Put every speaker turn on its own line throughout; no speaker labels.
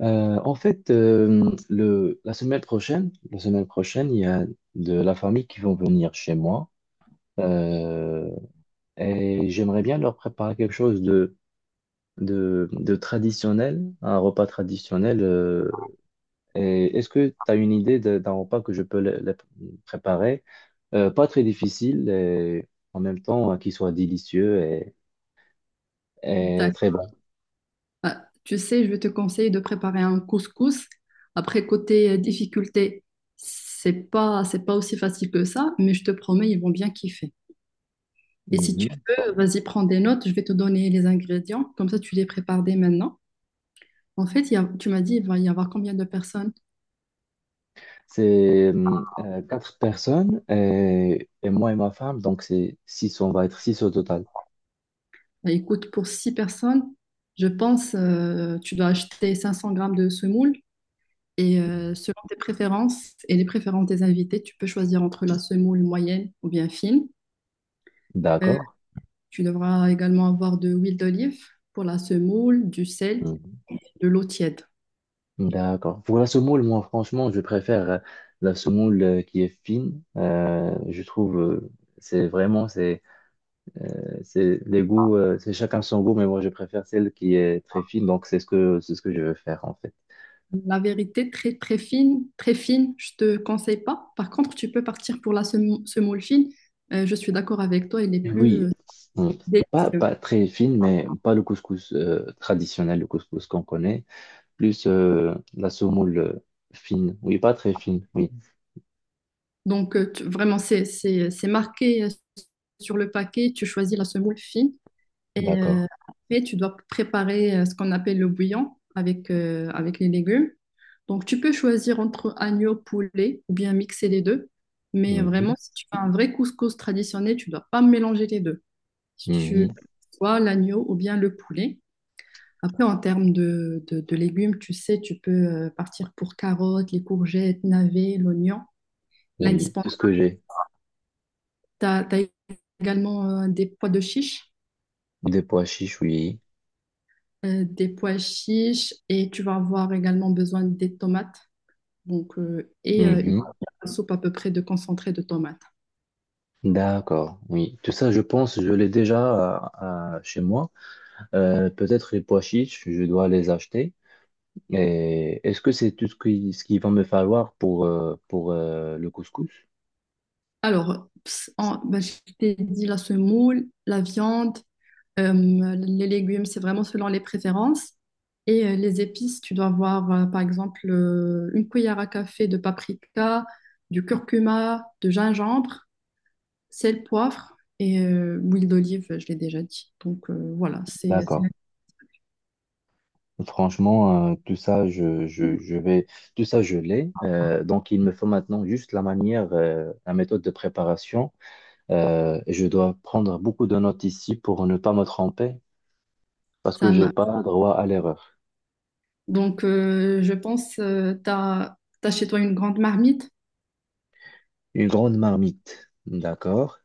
La semaine prochaine, il y a de la famille qui vont venir chez moi euh, et j'aimerais bien leur préparer quelque chose de traditionnel, un repas traditionnel. Et est-ce que tu as une idée d'un repas que je peux le préparer? Pas très difficile et en même temps qui soit délicieux et très
D'accord.
bon.
Tu sais, je vais te conseiller de préparer un couscous. Après, côté difficulté, c'est pas aussi facile que ça, mais je te promets, ils vont bien kiffer. Et si tu
Mhm.
veux, vas-y, prends des notes, je vais te donner les ingrédients, comme ça tu les prépares dès maintenant. En fait, tu m'as dit, il va y avoir combien de personnes?
C'est quatre personnes et moi et ma femme, donc c'est six, on va être six au total.
Bah, écoute, pour 6 personnes, je pense, tu dois acheter 500 grammes de semoule. Et
Mhm.
selon tes préférences et les préférences des invités, tu peux choisir entre la semoule moyenne ou bien fine. Euh,
D'accord.
Tu devras également avoir de l'huile d'olive pour la semoule, du sel,
Mhm.
de l'eau tiède.
D'accord. Pour la semoule, moi franchement, je préfère la semoule qui est fine. Je trouve, c'est vraiment, c'est, c'est les goûts, c'est chacun son goût, mais moi je préfère celle qui est très fine, donc c'est ce que je veux faire en fait.
La vérité, très très fine, je ne te conseille pas. Par contre, tu peux partir pour la semoule fine. Je suis d'accord avec toi, elle est
Oui,
plus
oui. Hum.
délicieuse.
Pas très fine, mais pas le couscous traditionnel, le couscous qu'on connaît. Plus la semoule fine. Oui, pas très fine, oui.
Donc, vraiment, c'est marqué sur le paquet, tu choisis la semoule fine. Et
D'accord.
après, tu dois préparer ce qu'on appelle le bouillon avec, avec les légumes. Donc, tu peux choisir entre agneau, poulet ou bien mixer les deux. Mais
Mhm.
vraiment, si tu fais un vrai couscous traditionnel, tu dois pas mélanger les deux. Si tu
Mhm.
vois l'agneau ou bien le poulet. Après, en termes de légumes, tu sais, tu peux partir pour carottes, les courgettes, navets, l'oignon,
Oui. Tout
l'indispensable.
ce que j'ai?
Tu as, également des pois de chiche.
Des pois chiches, oui.
Des pois chiches et tu vas avoir également besoin des tomates donc, une
Mhm.
soupe à peu près de concentré de tomates.
D'accord, oui. Tout ça, je pense, je l'ai déjà chez moi. Peut-être les pois chiches, je dois les acheter. Et est-ce que c'est tout ce ce qu'il va me falloir pour le couscous?
Alors, ben, je t'ai dit la semoule, la viande, euh, les légumes, c'est vraiment selon les préférences. Et les épices, tu dois avoir par exemple une cuillère à café de paprika, du curcuma, de gingembre, sel, poivre et l'huile d'olive, je l'ai déjà dit. Donc voilà, c'est c'est-
D'accord. Franchement, tout ça, tout ça, je l'ai. Donc, il me faut maintenant juste la manière, la méthode de préparation. Et je dois prendre beaucoup de notes ici pour ne pas me tromper, parce
c'est
que j'ai pas droit à l'erreur.
Donc, je pense, t'as chez toi une grande marmite,
Une grande marmite. D'accord.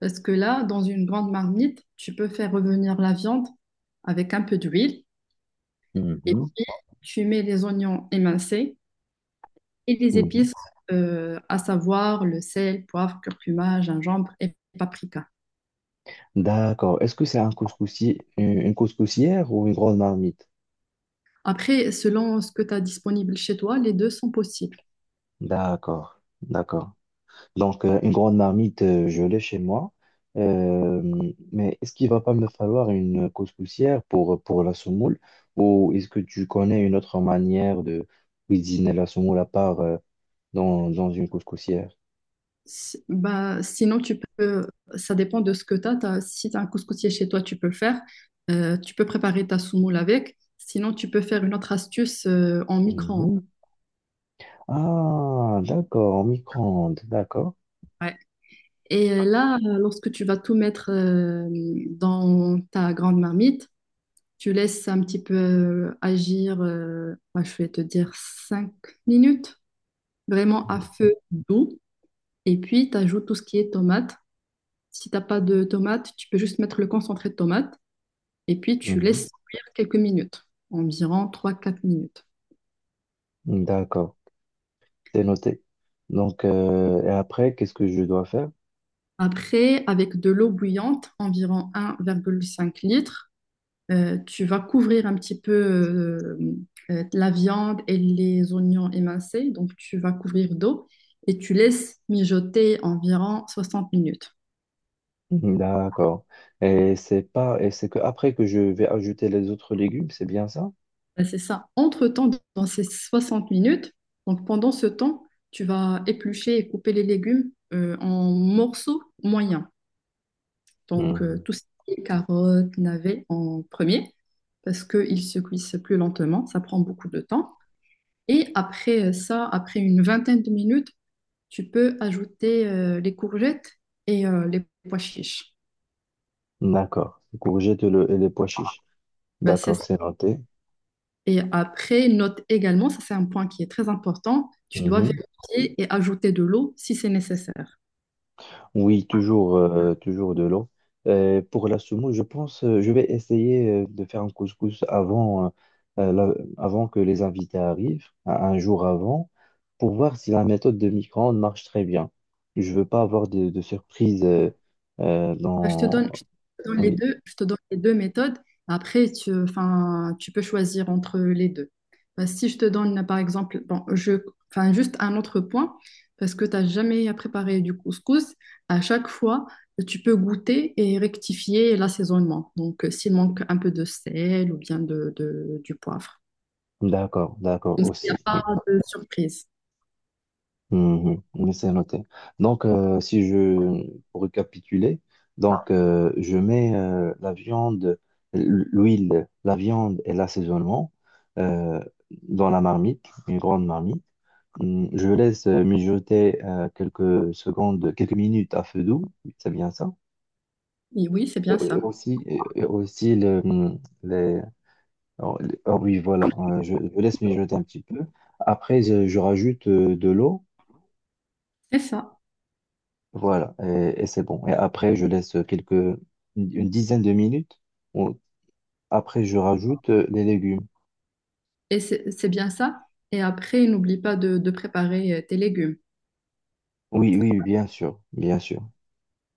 parce que là, dans une grande marmite, tu peux faire revenir la viande avec un peu d'huile, et
Mhm,
puis tu mets les oignons émincés et les
mhm.
épices, à savoir le sel, poivre, curcuma, gingembre et paprika.
D'accord. Est-ce que c'est un couscoussier, une couscoussière ou une grande marmite?
Après, selon ce que tu as disponible chez toi, les deux sont possibles.
D'accord. D'accord. Donc, une grande marmite, je l'ai chez moi. Euh, mais est-ce qu'il va pas me falloir une couscoussière pour la semoule? Ou est-ce que tu connais une autre manière de cuisiner la semoule à part dans, dans une couscoussière?
Bah, sinon, ça dépend de ce que tu as. Si tu as un couscoussier chez toi, tu peux le faire. Tu peux préparer ta soumoule avec. Sinon, tu peux faire une autre astuce en micro-ondes.
Mhm. Ah, d'accord, en micro-ondes, d'accord.
Ouais. Et là, lorsque tu vas tout mettre dans ta grande marmite, tu laisses un petit peu agir, bah, je vais te dire 5 minutes, vraiment à feu doux. Et puis, tu ajoutes tout ce qui est tomate. Si tu n'as pas de tomate, tu peux juste mettre le concentré de tomate. Et puis, tu
Mhm.
laisses cuire quelques minutes, environ trois-quatre minutes.
D'accord, c'est noté. Donc, et après, qu'est-ce que je dois faire?
Après, avec de l'eau bouillante, environ 1,5 litre, tu vas couvrir un petit peu la viande et les oignons émincés. Donc, tu vas couvrir d'eau et tu laisses mijoter environ 60 minutes.
Mhm. D'accord. Et c'est pas, et c'est que après que je vais ajouter les autres légumes, c'est bien ça?
Ben, c'est ça. Entre-temps, dans ces 60 minutes, donc pendant ce temps, tu vas éplucher et couper les légumes en morceaux moyens. Donc,
Hmm.
tout ce qui est carottes, navets en premier, parce qu'ils se cuisent plus lentement, ça prend beaucoup de temps. Et après après une vingtaine de minutes, tu peux ajouter les courgettes et les pois chiches.
D'accord. Courgette et et les pois chiches.
Ben, c'est
D'accord,
ça.
c'est noté.
Et après, note également, ça c'est un point qui est très important, tu dois
Mhm.
vérifier et ajouter de l'eau si c'est nécessaire.
Oui, toujours, toujours de l'eau. Pour la semoule, je pense, je vais essayer de faire un couscous avant, euh, la- avant que les invités arrivent, un jour avant, pour voir si la méthode de micro-ondes marche très bien. Je veux pas avoir de surprise
Bah,
dans...
je te donne les
Oui,
deux, je te donne les deux méthodes. Après, enfin, tu peux choisir entre les deux. Bah, si je te donne, par exemple, bon, enfin, juste un autre point, parce que tu n'as jamais préparé du couscous, à chaque fois, tu peux goûter et rectifier l'assaisonnement. Donc, s'il manque un peu de sel ou bien du poivre.
d'accord, d'accord
Comme ça, il n'y a
aussi.
pas
Oui.
de surprise.
Mhm, mais c'est noté. Donc, si je pour récapituler, donc je mets la viande, l'huile, la viande et l'assaisonnement euh, dans la marmite, une grande marmite. Je laisse mijoter quelques secondes, quelques minutes à feu doux, c'est bien ça.
Et oui, c'est bien ça.
Et aussi le, les- oh oui, voilà, je laisse mijoter un petit peu. Après, je rajoute de l'eau.
C'est ça.
Voilà, et c'est bon. Et après, je laisse quelques, une dizaine de minutes. On- Après, je rajoute les légumes.
Et c'est bien ça. Et après, n'oublie pas de de préparer tes légumes.
Oui, oui, oui, bien sûr, bien sûr.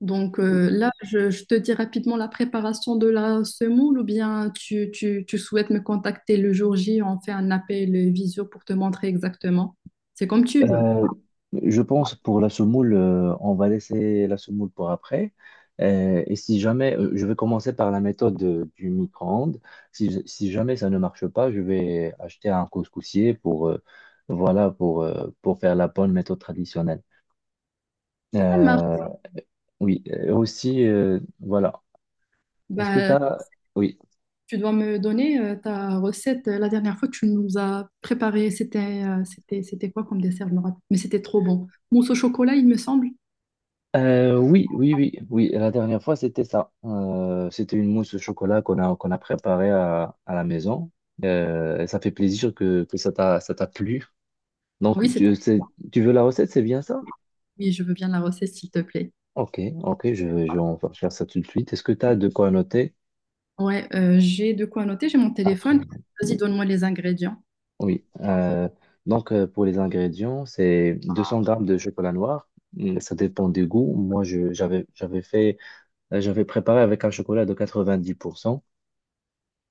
Donc là, je te dis rapidement la préparation de la semoule ou bien tu souhaites me contacter le jour J, on fait un appel visio pour te montrer exactement. C'est comme tu veux.
Euh, je pense pour la semoule, on va laisser la semoule pour après. Et si jamais, je vais commencer par la méthode du micro-ondes. Si jamais ça ne marche pas, je vais acheter un couscoussier pour, voilà, pour faire la bonne méthode traditionnelle.
Ça
Euh,
marche.
oui, et aussi, voilà, est-ce que tu
Bah,
as... Oui.
tu dois me donner ta recette. La dernière fois, tu nous as préparé, c'était quoi comme dessert, je me rappelle. Mais c'était trop bon. Mousse au chocolat, il me semble.
Oui. La dernière fois, c'était ça. C'était une mousse au chocolat qu'on a préparée à la maison. Et ça fait plaisir que ça ça t'a plu.
Oui,
Donc,
c'était.
tu, tu veux la recette, c'est bien ça?
Oui, je veux bien la recette, s'il te plaît.
Ok, ok, je vais en faire ça tout de suite. Est-ce que tu as de quoi noter
Ouais, j'ai de quoi noter, j'ai mon téléphone.
après?
Vas-y, donne-moi les ingrédients.
Oui. Pour les ingrédients, c'est 200 grammes de chocolat noir. Ça dépend des goûts. Moi, j'avais fait, j'avais préparé avec un chocolat de 90%.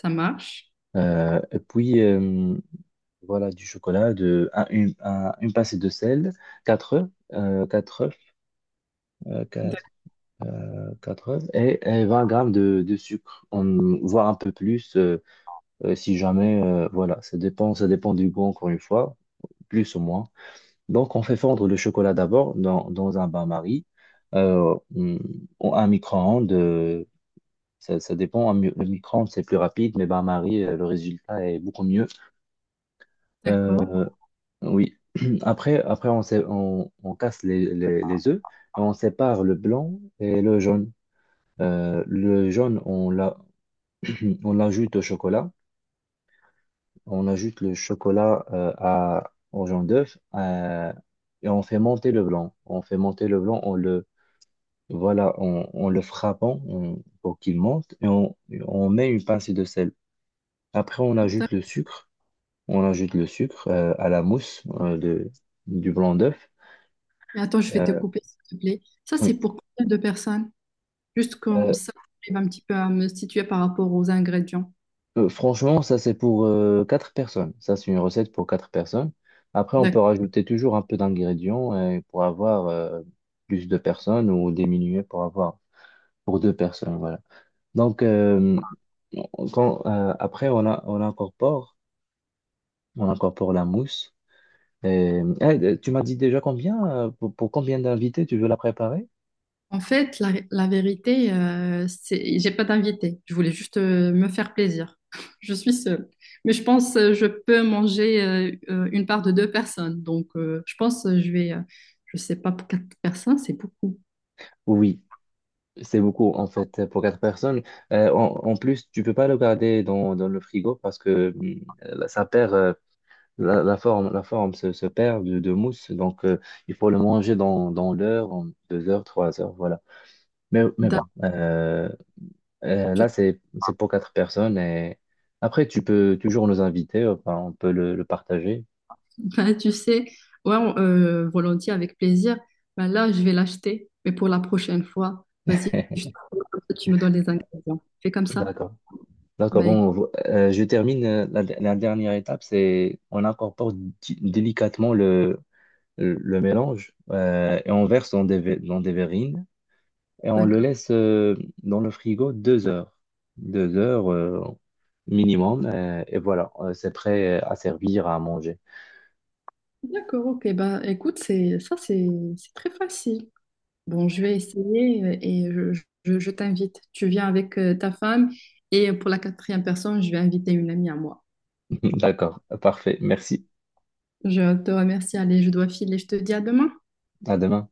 Ça marche.
Et puis, voilà, du chocolat, de, un- une pincée de sel, 4 œufs, 4 œufs, euh, quatre- quatre œufs, et 20 grammes de sucre, on, voire un peu plus, si jamais, voilà, ça dépend du goût, encore une fois, plus ou moins. Donc, on fait fondre le chocolat d'abord dans, dans un bain-marie, euh, mm, ou un micro-ondes, ça dépend, le micro-ondes, c'est plus rapide, mais bain-marie, le résultat est beaucoup mieux.
D'accord.
Euh, Oui. Après, on casse les œufs et on sépare le blanc et le jaune. Le jaune, on l'a, on l'ajoute au chocolat. On ajoute le chocolat au jaune d'œuf et on fait monter le blanc. On fait monter le blanc, voilà, on le frappant pour qu'il monte on met une pincée de sel. Après, on
D'accord.
ajoute le sucre. On ajoute le sucre à la mousse du blanc d'œuf.
Mais attends, je vais te
Euh,
couper, s'il te plaît. Ça,
oui.
c'est pour combien de personnes? Juste comme
Euh,
ça, j'arrive un petit peu à me situer par rapport aux ingrédients.
franchement, ça c'est pour 4 personnes. Ça c'est une recette pour 4 personnes. Après, on peut
D'accord.
rajouter toujours un peu d'ingrédients pour avoir plus de personnes ou diminuer pour avoir pour 2 personnes. Voilà. Donc après, on incorpore la mousse. Et, eh, tu m'as dit déjà combien pour combien d'invités tu veux la préparer?
En fait, la vérité, c'est, j'ai pas d'invité. Je voulais juste me faire plaisir. Je suis seule. Mais je pense je peux manger une part de 2 personnes. Donc, je pense je sais pas, pour 4 personnes, c'est beaucoup.
Oui, c'est beaucoup, en fait, pour 4 personnes. En plus, tu peux pas le garder dans, dans le frigo parce que ça perd, la forme se perd de mousse. Donc, il faut le manger dans, dans l'heure, en 2 heures, 3 heures, voilà. Mais bon,
D'accord.
là, c'est pour 4 personnes. Et après, tu peux toujours nous inviter, enfin, on peut le partager.
Bah, tu sais, ouais, volontiers, avec plaisir. Bah, là, je vais l'acheter, mais pour la prochaine fois, vas-y, comme ça, tu me donnes les ingrédients. Fais comme ça.
D'accord. D'accord,
Bah, écoute,
bon, je termine la dernière étape, c'est on incorpore délicatement le mélange et on verse dans dans des verrines et on le
d'accord.
laisse dans le frigo 2 heures, 2 heures minimum et voilà, c'est prêt à servir, à manger.
D'accord, ok. Bah, écoute, c'est ça, c'est très facile. Bon, je vais essayer je t'invite. Tu viens avec ta femme et pour la quatrième personne, je vais inviter une amie à moi.
D'accord, parfait, merci,
Je te remercie. Allez, je dois filer. Je te dis à demain.
à demain.